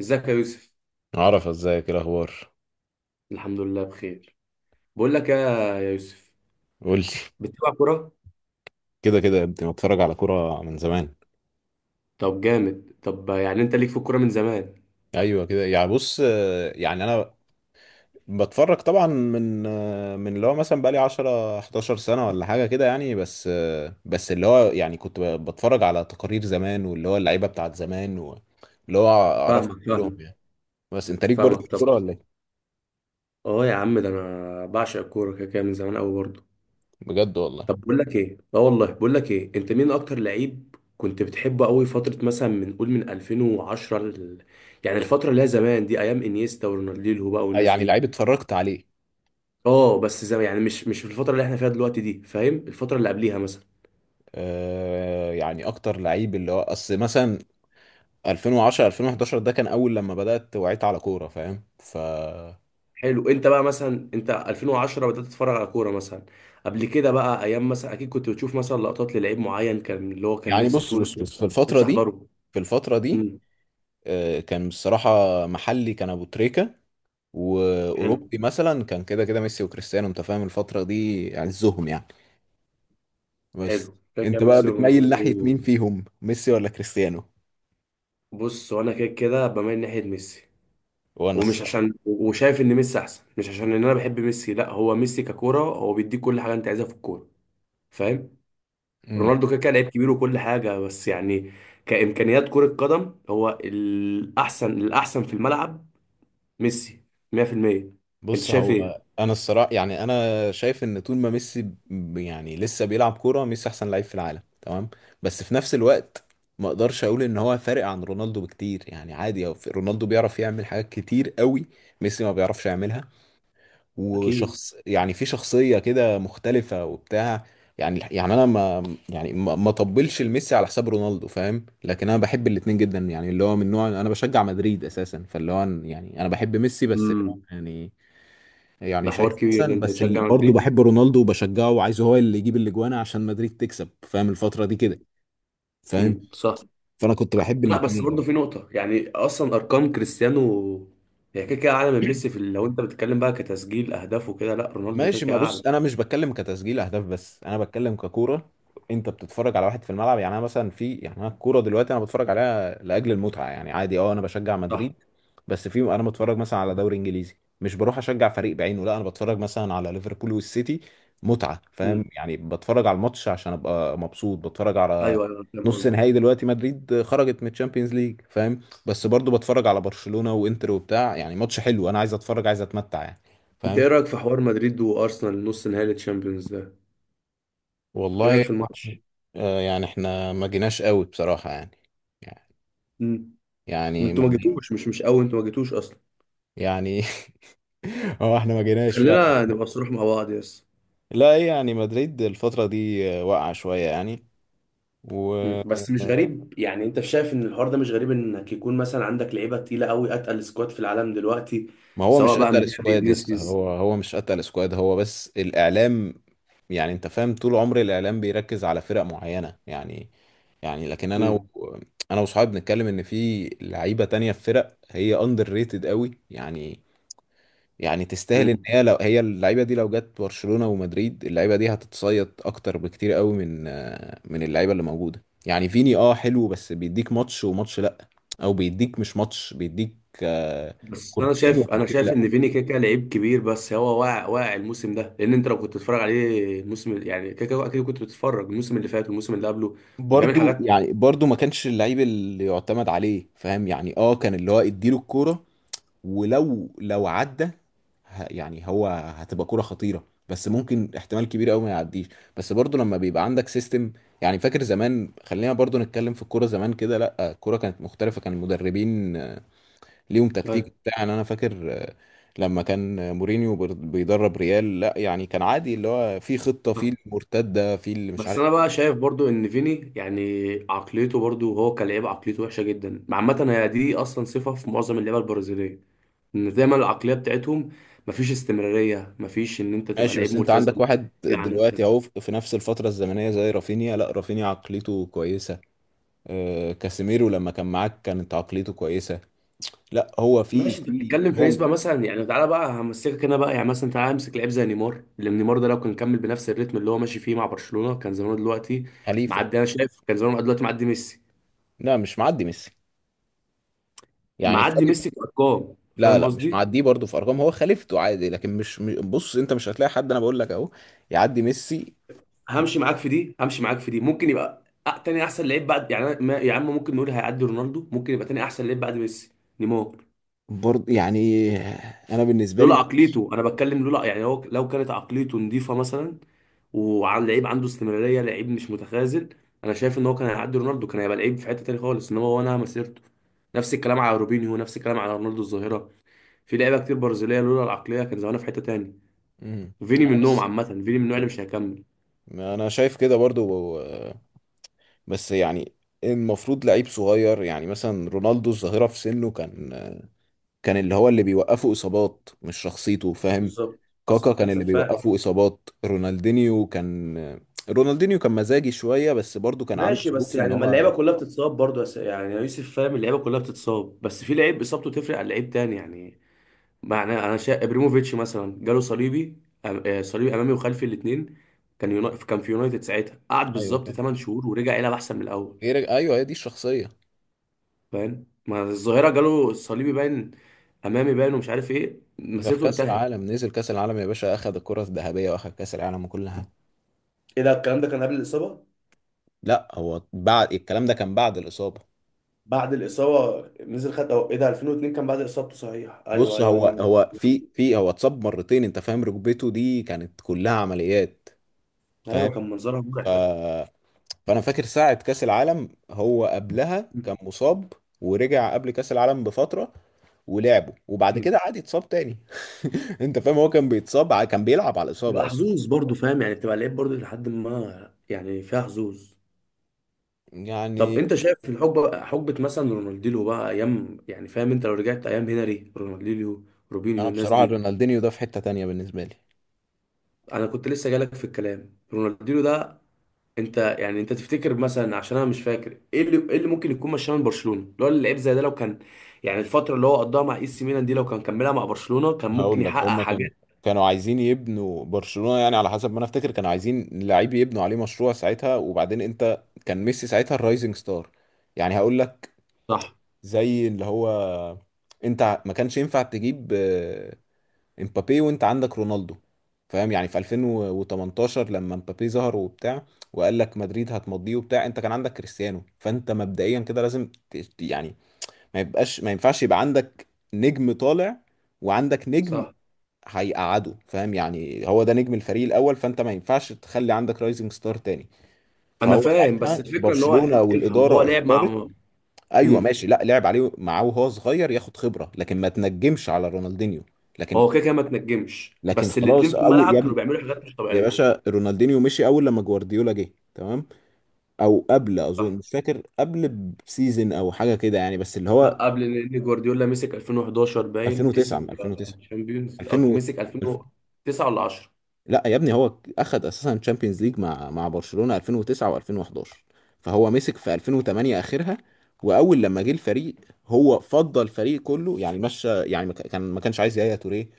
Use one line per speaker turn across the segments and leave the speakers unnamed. ازيك يا يوسف؟
عرف ازيك ايه الاخبار؟
الحمد لله بخير. بقول لك يا، يا يوسف،
قول لي.
بتلعب كرة؟
كده كده يا ابني بتفرج على كوره من زمان.
طب جامد. طب يعني انت ليك في الكرة من زمان؟
ايوه كده، يعني بص، يعني انا بتفرج طبعا من من اللي هو مثلا بقالي 10 11 سنه ولا حاجه كده، يعني بس بس اللي هو يعني كنت بتفرج على تقارير زمان، واللي هو اللعيبه بتاعت زمان، واللي هو اعرف
فاهمك،
كلهم
فاهمك،
يعني. بس انت ليك برضه
فاهمك.
في
طب
الكوره ولا ايه؟
اه يا عم، ده انا بعشق الكورة كده كده من زمان قوي برضه.
بجد والله.
طب بقول لك ايه اه والله، بقول لك ايه، انت مين اكتر لعيب كنت بتحبه قوي فترة مثلا؟ من قول من 2010 ل... يعني الفترة اللي هي زمان دي، ايام انيستا ورونالدينيو بقى والناس
يعني
دي.
لعيب اتفرجت عليه،
اه بس زمان، يعني مش في الفترة اللي احنا فيها دلوقتي دي، فاهم؟ الفترة اللي قبليها مثلا.
يعني اكتر لعيب اللي هو اصل مثلا 2010 2011 ده كان اول لما بدأت وعيت على كورة، فاهم؟ ف
حلو. انت بقى مثلا، انت 2010 بدأت تتفرج على كوره مثلا؟ قبل كده بقى ايام مثلا اكيد كنت بتشوف مثلا لقطات للعيب معين، كان اللي هو كان
يعني
نفسك
بص بص
تقول
بص، في الفترة
نفسي
دي،
احضره.
في الفترة دي
امم.
كان بصراحة محلي كان ابو تريكة،
حلو،
واوروبي مثلا كان كده كده ميسي وكريستيانو. انت فاهم الفترة دي عزهم يعني. بس
حلو. كده كان
انت بقى
ميسي
بتميل ناحية
ورونالدو.
مين فيهم، ميسي ولا كريستيانو؟
بص، وانا كده كده بميل ناحيه ميسي،
وانا
ومش عشان وشايف ان ميسي احسن، مش عشان ان انا بحب ميسي، لا، هو ميسي ككوره هو بيديك كل حاجه انت عايزها في الكوره، فاهم؟
الصراحة،
رونالدو كده كده لعيب كبير وكل حاجه، بس يعني كامكانيات كره قدم هو الاحسن، الاحسن في الملعب ميسي، 100%. انت
بص
شايف
هو
ايه؟
انا الصراحه، يعني انا شايف ان طول ما ميسي يعني لسه بيلعب كوره، ميسي احسن لعيب في العالم، تمام؟ بس في نفس الوقت ما اقدرش اقول ان هو فارق عن رونالدو بكتير، يعني عادي. هو رونالدو بيعرف يعمل حاجات كتير قوي، ميسي ما بيعرفش يعملها.
اكيد.
وشخص، يعني في شخصيه كده مختلفه وبتاع. يعني يعني انا ما، يعني ما ما طبلش لميسي على حساب رونالدو فاهم، لكن انا بحب الاتنين جدا. يعني اللي هو من نوع انا بشجع مدريد اساسا، فاللي هو يعني انا بحب ميسي بس
امم.
يعني. يعني
ده حوار
شايف
كبير، ده
احسن،
انت
بس
بتشجع
برضه
مدريد.
بحب رونالدو وبشجعه، وعايزه هو اللي يجيب الاجوان عشان مدريد تكسب، فاهم الفتره دي كده؟ فاهم.
امم، صح.
فانا كنت بحب
لا بس برضه
الاثنين.
في نقطة، يعني اصلا ارقام كريستيانو هي كده كده اعلى من ميسي في ال-، لو انت بتتكلم بقى كتسجيل اهداف وكده، لا رونالدو كده
ماشي، ما
كده اعلى.
بص انا مش بتكلم كتسجيل اهداف، بس انا بتكلم ككوره. انت بتتفرج على واحد في الملعب، يعني انا مثلا في، يعني انا الكوره دلوقتي انا بتفرج عليها لاجل المتعه، يعني عادي. اه انا بشجع
صح.
مدريد، بس في انا بتفرج مثلا على دوري انجليزي، مش بروح اشجع فريق بعينه، لا انا بتفرج مثلا على ليفربول والسيتي متعه، فاهم؟
امم.
يعني بتفرج على الماتش عشان ابقى مبسوط، بتفرج على
ايوه، ايوه، أنا فاهم
نص
قصدك.
نهائي. دلوقتي مدريد خرجت من الشامبيونز ليج فاهم. بس برضو بتفرج على برشلونه وانتر وبتاع، يعني ماتش حلو انا عايز اتفرج، عايز اتمتع يعني.
انت
فاهم.
ايه رايك في حوار مدريد وارسنال، نص نهائي الشامبيونز ده؟ ايه رايك
والله
في الماتش؟
يعني احنا ما جيناش قوي بصراحة يعني.
امم.
يعني
انتوا ما
مدريد،
جيتوش، مش قوي، انتوا ما جيتوش اصلا.
يعني هو احنا ما جيناش فعلا.
خلينا نبقى صريح مع بعض، يس.
لا هي يعني مدريد الفترة دي واقعة شوية يعني. و
مم. بس مش غريب، يعني انت شايف ان الحوار ده مش غريب انك يكون مثلا عندك لعيبه تقيله قوي، اتقل سكواد في العالم دلوقتي،
ما هو
سواء
مش
بقى
قتل
مبابي،
سكواد، لسه
فينيسيوس.
هو هو مش قتل سكواد، هو بس الإعلام. يعني انت فاهم طول عمر الإعلام بيركز على فرق معينة يعني. يعني لكن انا
مم.
انا وصحابي بنتكلم ان في لعيبة تانية في فرق هي اندر ريتد قوي يعني. يعني تستاهل ان
مم.
هي، لو هي اللعيبه دي لو جت برشلونه ومدريد، اللعيبه دي هتتصيد اكتر بكتير قوي من من اللعيبه اللي موجوده يعني. فيني اه حلو، بس بيديك ماتش وماتش لا. او بيديك مش ماتش، بيديك آه،
بس انا
كورتين
شايف انا
وكورتين
شايف
لا.
ان فيني كيكا لعيب كبير، بس هو واقع، واقع الموسم ده، لان انت لو كنت بتتفرج عليه الموسم، يعني كيكا اكيد كنت بتتفرج الموسم اللي فات والموسم اللي قبله، كان بيعمل
برضو
حاجات.
يعني برضو ما كانش اللعيب اللي يعتمد عليه فاهم يعني. اه كان اللي هو اديله الكوره، ولو عدى يعني هو هتبقى كرة خطيرة، بس ممكن احتمال كبير قوي ما يعديش. بس برضو لما بيبقى عندك سيستم. يعني فاكر زمان، خلينا برضو نتكلم في الكورة زمان كده. لا الكورة كانت مختلفة، كان المدربين ليهم تكتيك
أيوة.
بتاع يعني. انا فاكر لما كان مورينيو بيدرب ريال، لا يعني كان عادي اللي هو في خطة
صح.
في المرتدة في اللي مش
بس
عارف
انا
إيه.
بقى شايف برضو ان فيني يعني عقليته، برضو هو كلاعب عقليته وحشه جدا عامه، هي دي اصلا صفه في معظم اللعيبه البرازيليه، ان دايما العقليه بتاعتهم مفيش استمراريه، مفيش ان انت تبقى
ماشي
لعيب
بس انت
ملتزم،
عندك واحد
تيجي على
دلوقتي
نفسك.
اهو في، في نفس الفترة الزمنية زي رافينيا، لا رافينيا عقليته كويسة. كاسيميرو لما كان معاك كانت عقليته كويسة. لا هو في،
ماشي، انت
في
بتتكلم في
هو
نسبه مثلا، يعني تعالى بقى همسكك انا بقى، يعني مثلا تعالى امسك لعيب زي نيمار، اللي نيمار ده لو كان كمل بنفس الريتم اللي هو ماشي فيه مع برشلونه، كان زمانه دلوقتي
خليفة.
معدي. انا شايف كان زمانه دلوقتي معدي ميسي.
لا مش معدي ميسي، يعني
معدي
خليفة.
ميسي في ارقام،
لا
فاهم
لا مش
قصدي؟
معديه، برضه في ارقام هو خليفته عادي. لكن مش بص، انت مش هتلاقي حد، انا بقول لك اهو يعدي ميسي.
همشي معاك في دي، ممكن يبقى تاني احسن لعيب بعد، يعني يا عم ممكن نقول هيعدي رونالدو، ممكن يبقى تاني احسن لعيب بعد ميسي، نيمار.
برضه يعني انا بالنسبة
لولا
لي،
عقليته، انا بتكلم لولا، يعني هو لو كانت عقليته نظيفه مثلا، وعن لعيب عنده استمراريه، لعيب مش متخاذل، انا شايف ان هو كان هيعدي رونالدو، كان هيبقى لعيب في حته تاني خالص، انما هو نهى مسيرته. نفس الكلام على روبينيو، نفس الكلام على رونالدو الظاهره. في لعيبه كتير برازيليه لولا العقليه كان زمانها في حته تاني.
مم،
فيني
انا
منهم
بس،
عامه، فيني من النوع اللي مش هيكمل.
انا شايف كده برضه بس يعني المفروض لعيب صغير. يعني مثلا رونالدو الظاهرة في سنه كان، كان اللي هو اللي بيوقفه اصابات مش شخصيته فاهم.
بالظبط.
كاكا
حصل،
كان
كان
اللي
سفاح.
بيوقفه اصابات. رونالدينيو كان، رونالدينيو كان مزاجي شويه بس برضو كان عنده
ماشي، بس
ظروف ان
يعني ما اللعيبه
هو،
كلها بتتصاب برضه، يعني يا يوسف، فاهم؟ اللعيبه كلها بتتصاب، بس في لعيب اصابته تفرق عن لعيب تاني، يعني معناه. انا شايف ابريموفيتش مثلا، جاله صليبي، صليبي امامي وخلفي الاثنين، كان في يونايتد ساعتها، قعد
ايوه
بالظبط
فاهم.
8 شهور ورجع يلعب احسن من الاول،
غير ايوه، هي دي الشخصيه.
فاهم؟ ما الظاهره جاله صليبي باين، امامي باين ومش عارف ايه،
ده في
مسيرته
كاس
انتهت.
العالم نزل كاس العالم يا باشا، اخذ الكره الذهبيه واخذ كاس العالم وكل حاجه.
ايه ده الكلام؟ ده كان قبل الاصابه؟
لا هو بعد، الكلام ده كان بعد الاصابه.
بعد الاصابه نزل خد، أو ايه ده 2002 كان بعد اصابته، صحيح، ايوه
بص
ايوه
هو،
انا.
هو في، في هو اتصاب مرتين انت فاهم، ركبته دي كانت كلها عمليات. فاهم.
ايوه، كان منظرها
ف
مرعب.
فانا فاكر ساعة كأس العالم هو قبلها
م-
كان مصاب، ورجع قبل كأس العالم بفترة ولعبه، وبعد
م.
كده عاد اتصاب تاني. انت فاهم هو كان بيتصاب كان بيلعب على الإصابة
بتبقى
اصلا.
حظوظ برضو، فاهم يعني، بتبقى لعيب برضو، لحد ما يعني فيها حظوظ. طب
يعني
انت شايف في الحقبه، حقبه مثلا رونالدينيو بقى، ايام يعني، فاهم؟ انت لو رجعت ايام هنري، رونالدينيو، روبينيو،
انا
الناس
بصراحة
دي.
رونالدينيو ده في حتة تانية بالنسبة لي.
انا كنت لسه جالك في الكلام، رونالدينيو ده، انت يعني انت تفتكر مثلا، عشان انا مش فاكر ايه اللي ممكن يكون مشاه من برشلونه، اللي هو اللعيب زي ده لو كان، يعني الفتره اللي هو قضاها مع اي سي ميلان دي لو كان كملها مع برشلونه كان ممكن
هقول لك،
يحقق
هما
حاجات.
كانوا، كانوا عايزين يبنوا برشلونة يعني، على حسب ما انا افتكر كانوا عايزين لعيب يبنوا عليه مشروع ساعتها. وبعدين انت كان ميسي ساعتها الرايزنج ستار يعني. هقول لك
صح.
زي اللي هو، انت ما كانش ينفع تجيب امبابي وانت عندك رونالدو فاهم. يعني في 2018 لما امبابي ظهر وبتاع وقال لك مدريد هتمضيه وبتاع، انت كان عندك كريستيانو، فانت مبدئيا كده لازم يعني ما يبقاش، ما ينفعش يبقى عندك نجم طالع وعندك نجم
صح
هيقعده فاهم. يعني هو ده نجم الفريق الاول، فانت ما ينفعش تخلي عندك رايزنج ستار تاني.
انا
فهو
فاهم، بس
ساعتها
الفكره ان هو
برشلونة
افهم، هو
والاداره
لعب
اختارت.
مع.
ايوه
امم.
ماشي، لا لعب عليه معاه وهو صغير ياخد خبره، لكن ما تنجمش على رونالدينيو. لكن
هو كده كده ما تنجمش، بس
خلاص،
الاتنين في
قوي
الملعب
يا،
كانوا بيعملوا حاجات مش
يا
طبيعيه.
باشا، رونالدينيو مشي اول لما جوارديولا جه تمام، او قبل اظن،
صح.
مش فاكر، قبل بسيزن او حاجه كده يعني، بس اللي هو
لا قبل، لان جوارديولا مسك 2011 باين،
2009. من
كسب
2009،
الشامبيونز،
2000
أو مسك
الف-
2009 ولا 10.
لا يا ابني هو اخد اساسا تشامبيونز ليج مع مع برشلونه 2009 و2011. فهو مسك في 2008 اخرها، واول لما جه الفريق هو فضل الفريق كله يعني. مشى يعني ما كان، ما كانش عايز يايا توريه،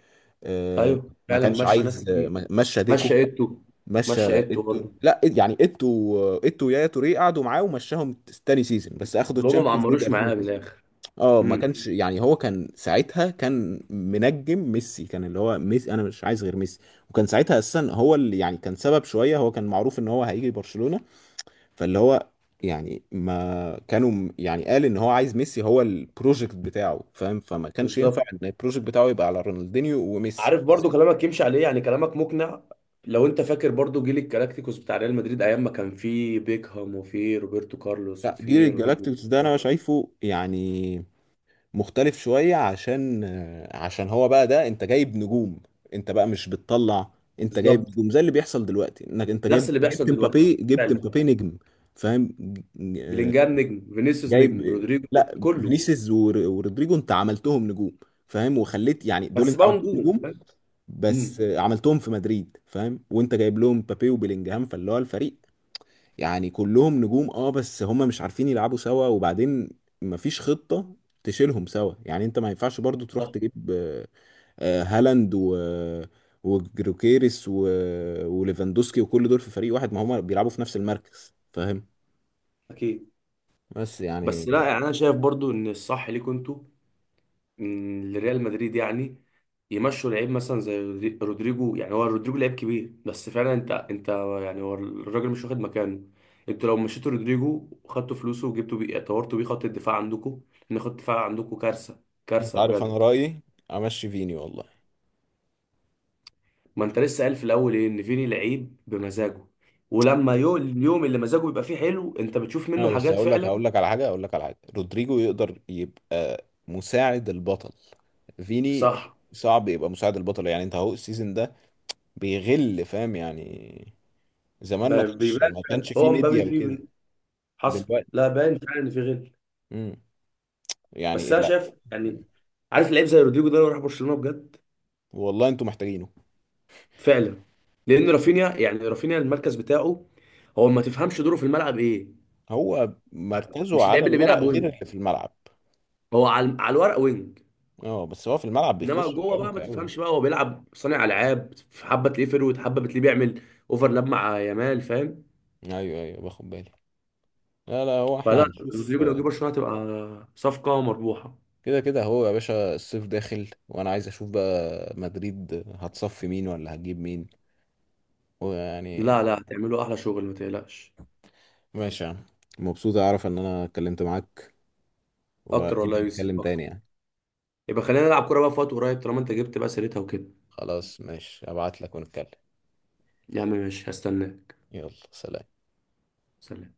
آه،
ايوه
ما
فعلا،
كانش
مشى ناس
عايز،
كتير.
مشى ديكو،
مشى ايتو.
مشى
مشى ايتو
ايتو،
برضه.
لا يعني ايتو، ايتو ويايا توريه قعدوا معاه ومشاهم تاني سيزون، بس اخدوا
اللي هم ما
الشامبيونز ليج
عمروش معاه من
2009.
الاخر.
اه ما
امم.
كانش، يعني هو كان ساعتها كان منجم ميسي، كان اللي هو ميسي، انا مش عايز غير ميسي. وكان ساعتها اساسا هو اللي يعني كان سبب شويه، هو كان معروف ان هو هيجي برشلونه. فاللي هو، يعني ما كانوا يعني قال ان هو عايز ميسي، هو البروجكت بتاعه فاهم. فما كانش ينفع
بالظبط.
ان البروجكت بتاعه يبقى على رونالدينيو وميسي.
عارف برضه كلامك يمشي عليه، يعني كلامك مقنع. لو انت فاكر برضه جيل الكلاكتيكوس بتاع ريال مدريد، ايام ما كان فيه بيكهام وفيه روبرتو كارلوس
لا جيل
وفيه رونالدو
الجالاكتيكوس ده
الظاهرة.
انا شايفه يعني مختلف شوية، عشان، عشان هو بقى ده انت جايب نجوم، انت بقى مش بتطلع، انت جايب
بالظبط.
نجوم زي اللي بيحصل دلوقتي. انك انت
نفس
جايب،
اللي بيحصل
جبت
دلوقتي.
مبابي، جبت
فعلا.
مبابي نجم فاهم. ج-
بلينجهام نجم، فينيسيوس
جايب،
نجم، رودريجو
لا
نجم، كله.
فينيسيوس ورودريجو انت عملتهم نجوم فاهم. وخليت يعني دول
بس
انت
بقى
عملتهم
نجوم.
نجوم، بس
امم.
عملتهم في مدريد فاهم، وانت جايب لهم مبابي وبيلينجهام. فاللي هو الفريق يعني كلهم نجوم، اه بس هما مش عارفين يلعبوا سوا، وبعدين مفيش خطة تشيلهم سوا. يعني انت ما ينفعش برضو تروح
صح.
تجيب هالاند و وجروكيريس وليفاندوسكي وكل دول في فريق واحد، ما هما بيلعبوا في نفس المركز فاهم.
اكيد.
بس يعني
بس لا يعني، انا شايف برضو ان الصح ليكوا انتوا، إن لريال مدريد يعني، يمشوا لعيب مثلا زي رودريجو. يعني هو رودريجو لعيب كبير بس فعلا انت، انت يعني هو الراجل مش واخد مكانه، انتوا لو مشيتوا رودريجو وخدتوا فلوسه وجبتوا بيه طورتوا بيه خط الدفاع عندكم، ان خط الدفاع عندكم كارثه،
انت
كارثه
عارف انا
بجد.
رأيي، امشي فيني والله.
ما انت لسه قال في الاول ايه ان فيني لعيب بمزاجه، ولما اليوم اللي مزاجه بيبقى فيه حلو، انت بتشوف منه
اه بس
حاجات
هقول لك،
فعلا.
هقول لك على حاجة، رودريجو يقدر يبقى مساعد البطل، فيني
صح.
صعب يبقى مساعد البطل. يعني انت اهو السيزون ده بيغل فاهم يعني. زمان ما كانش،
بيبان
ما
فعلا
كانش فيه
هو مبابي
ميديا
فيه،
وكده.
حصل،
دلوقتي،
لا باين فعلا ان في غل.
امم،
بس
يعني
انا
لا.
شايف يعني، عارف لعيب زي رودريجو ده لو راح برشلونه بجد.
والله انتوا محتاجينه.
فعلا، لان رافينيا، يعني رافينيا المركز بتاعه هو ما تفهمش دوره في الملعب ايه.
هو مركزه
مش
على
اللعيب اللي
الورق
بيلعب
غير
وينج،
اللي في الملعب.
هو على الورق وينج،
اه بس هو في الملعب
انما
بيخش
جوه بقى
العمق
ما
قوي يعني.
تفهمش بقى، هو بيلعب صانع العاب، حبه تلاقيه فيرود، حبه بتلاقيه بيعمل اوفرلاب مع يامال، فاهم؟
ايوه ايوه باخد بالي. لا لا هو احنا
فلا،
هنشوف.
رودريجو لو جه برشلونه هتبقى صفقه مربوحه.
كده كده هو يا باشا الصيف داخل، وانا عايز اشوف بقى مدريد هتصفي مين ولا هتجيب مين ويعني.
لا لا، هتعملوا احلى شغل، ما تقلقش.
ماشي يا عم، مبسوط اعرف ان انا اتكلمت معاك،
اكتر
واكيد
والله يا
هنتكلم
يوسف، أكتر.
تاني يعني.
يبقى خلينا نلعب كورة بقى في وقت قريب، طالما انت جبت بقى سيرتها وكده.
خلاص ماشي، ابعت لك ونتكلم.
يا عم ماشي، هستناك.
يلا سلام.
سلام.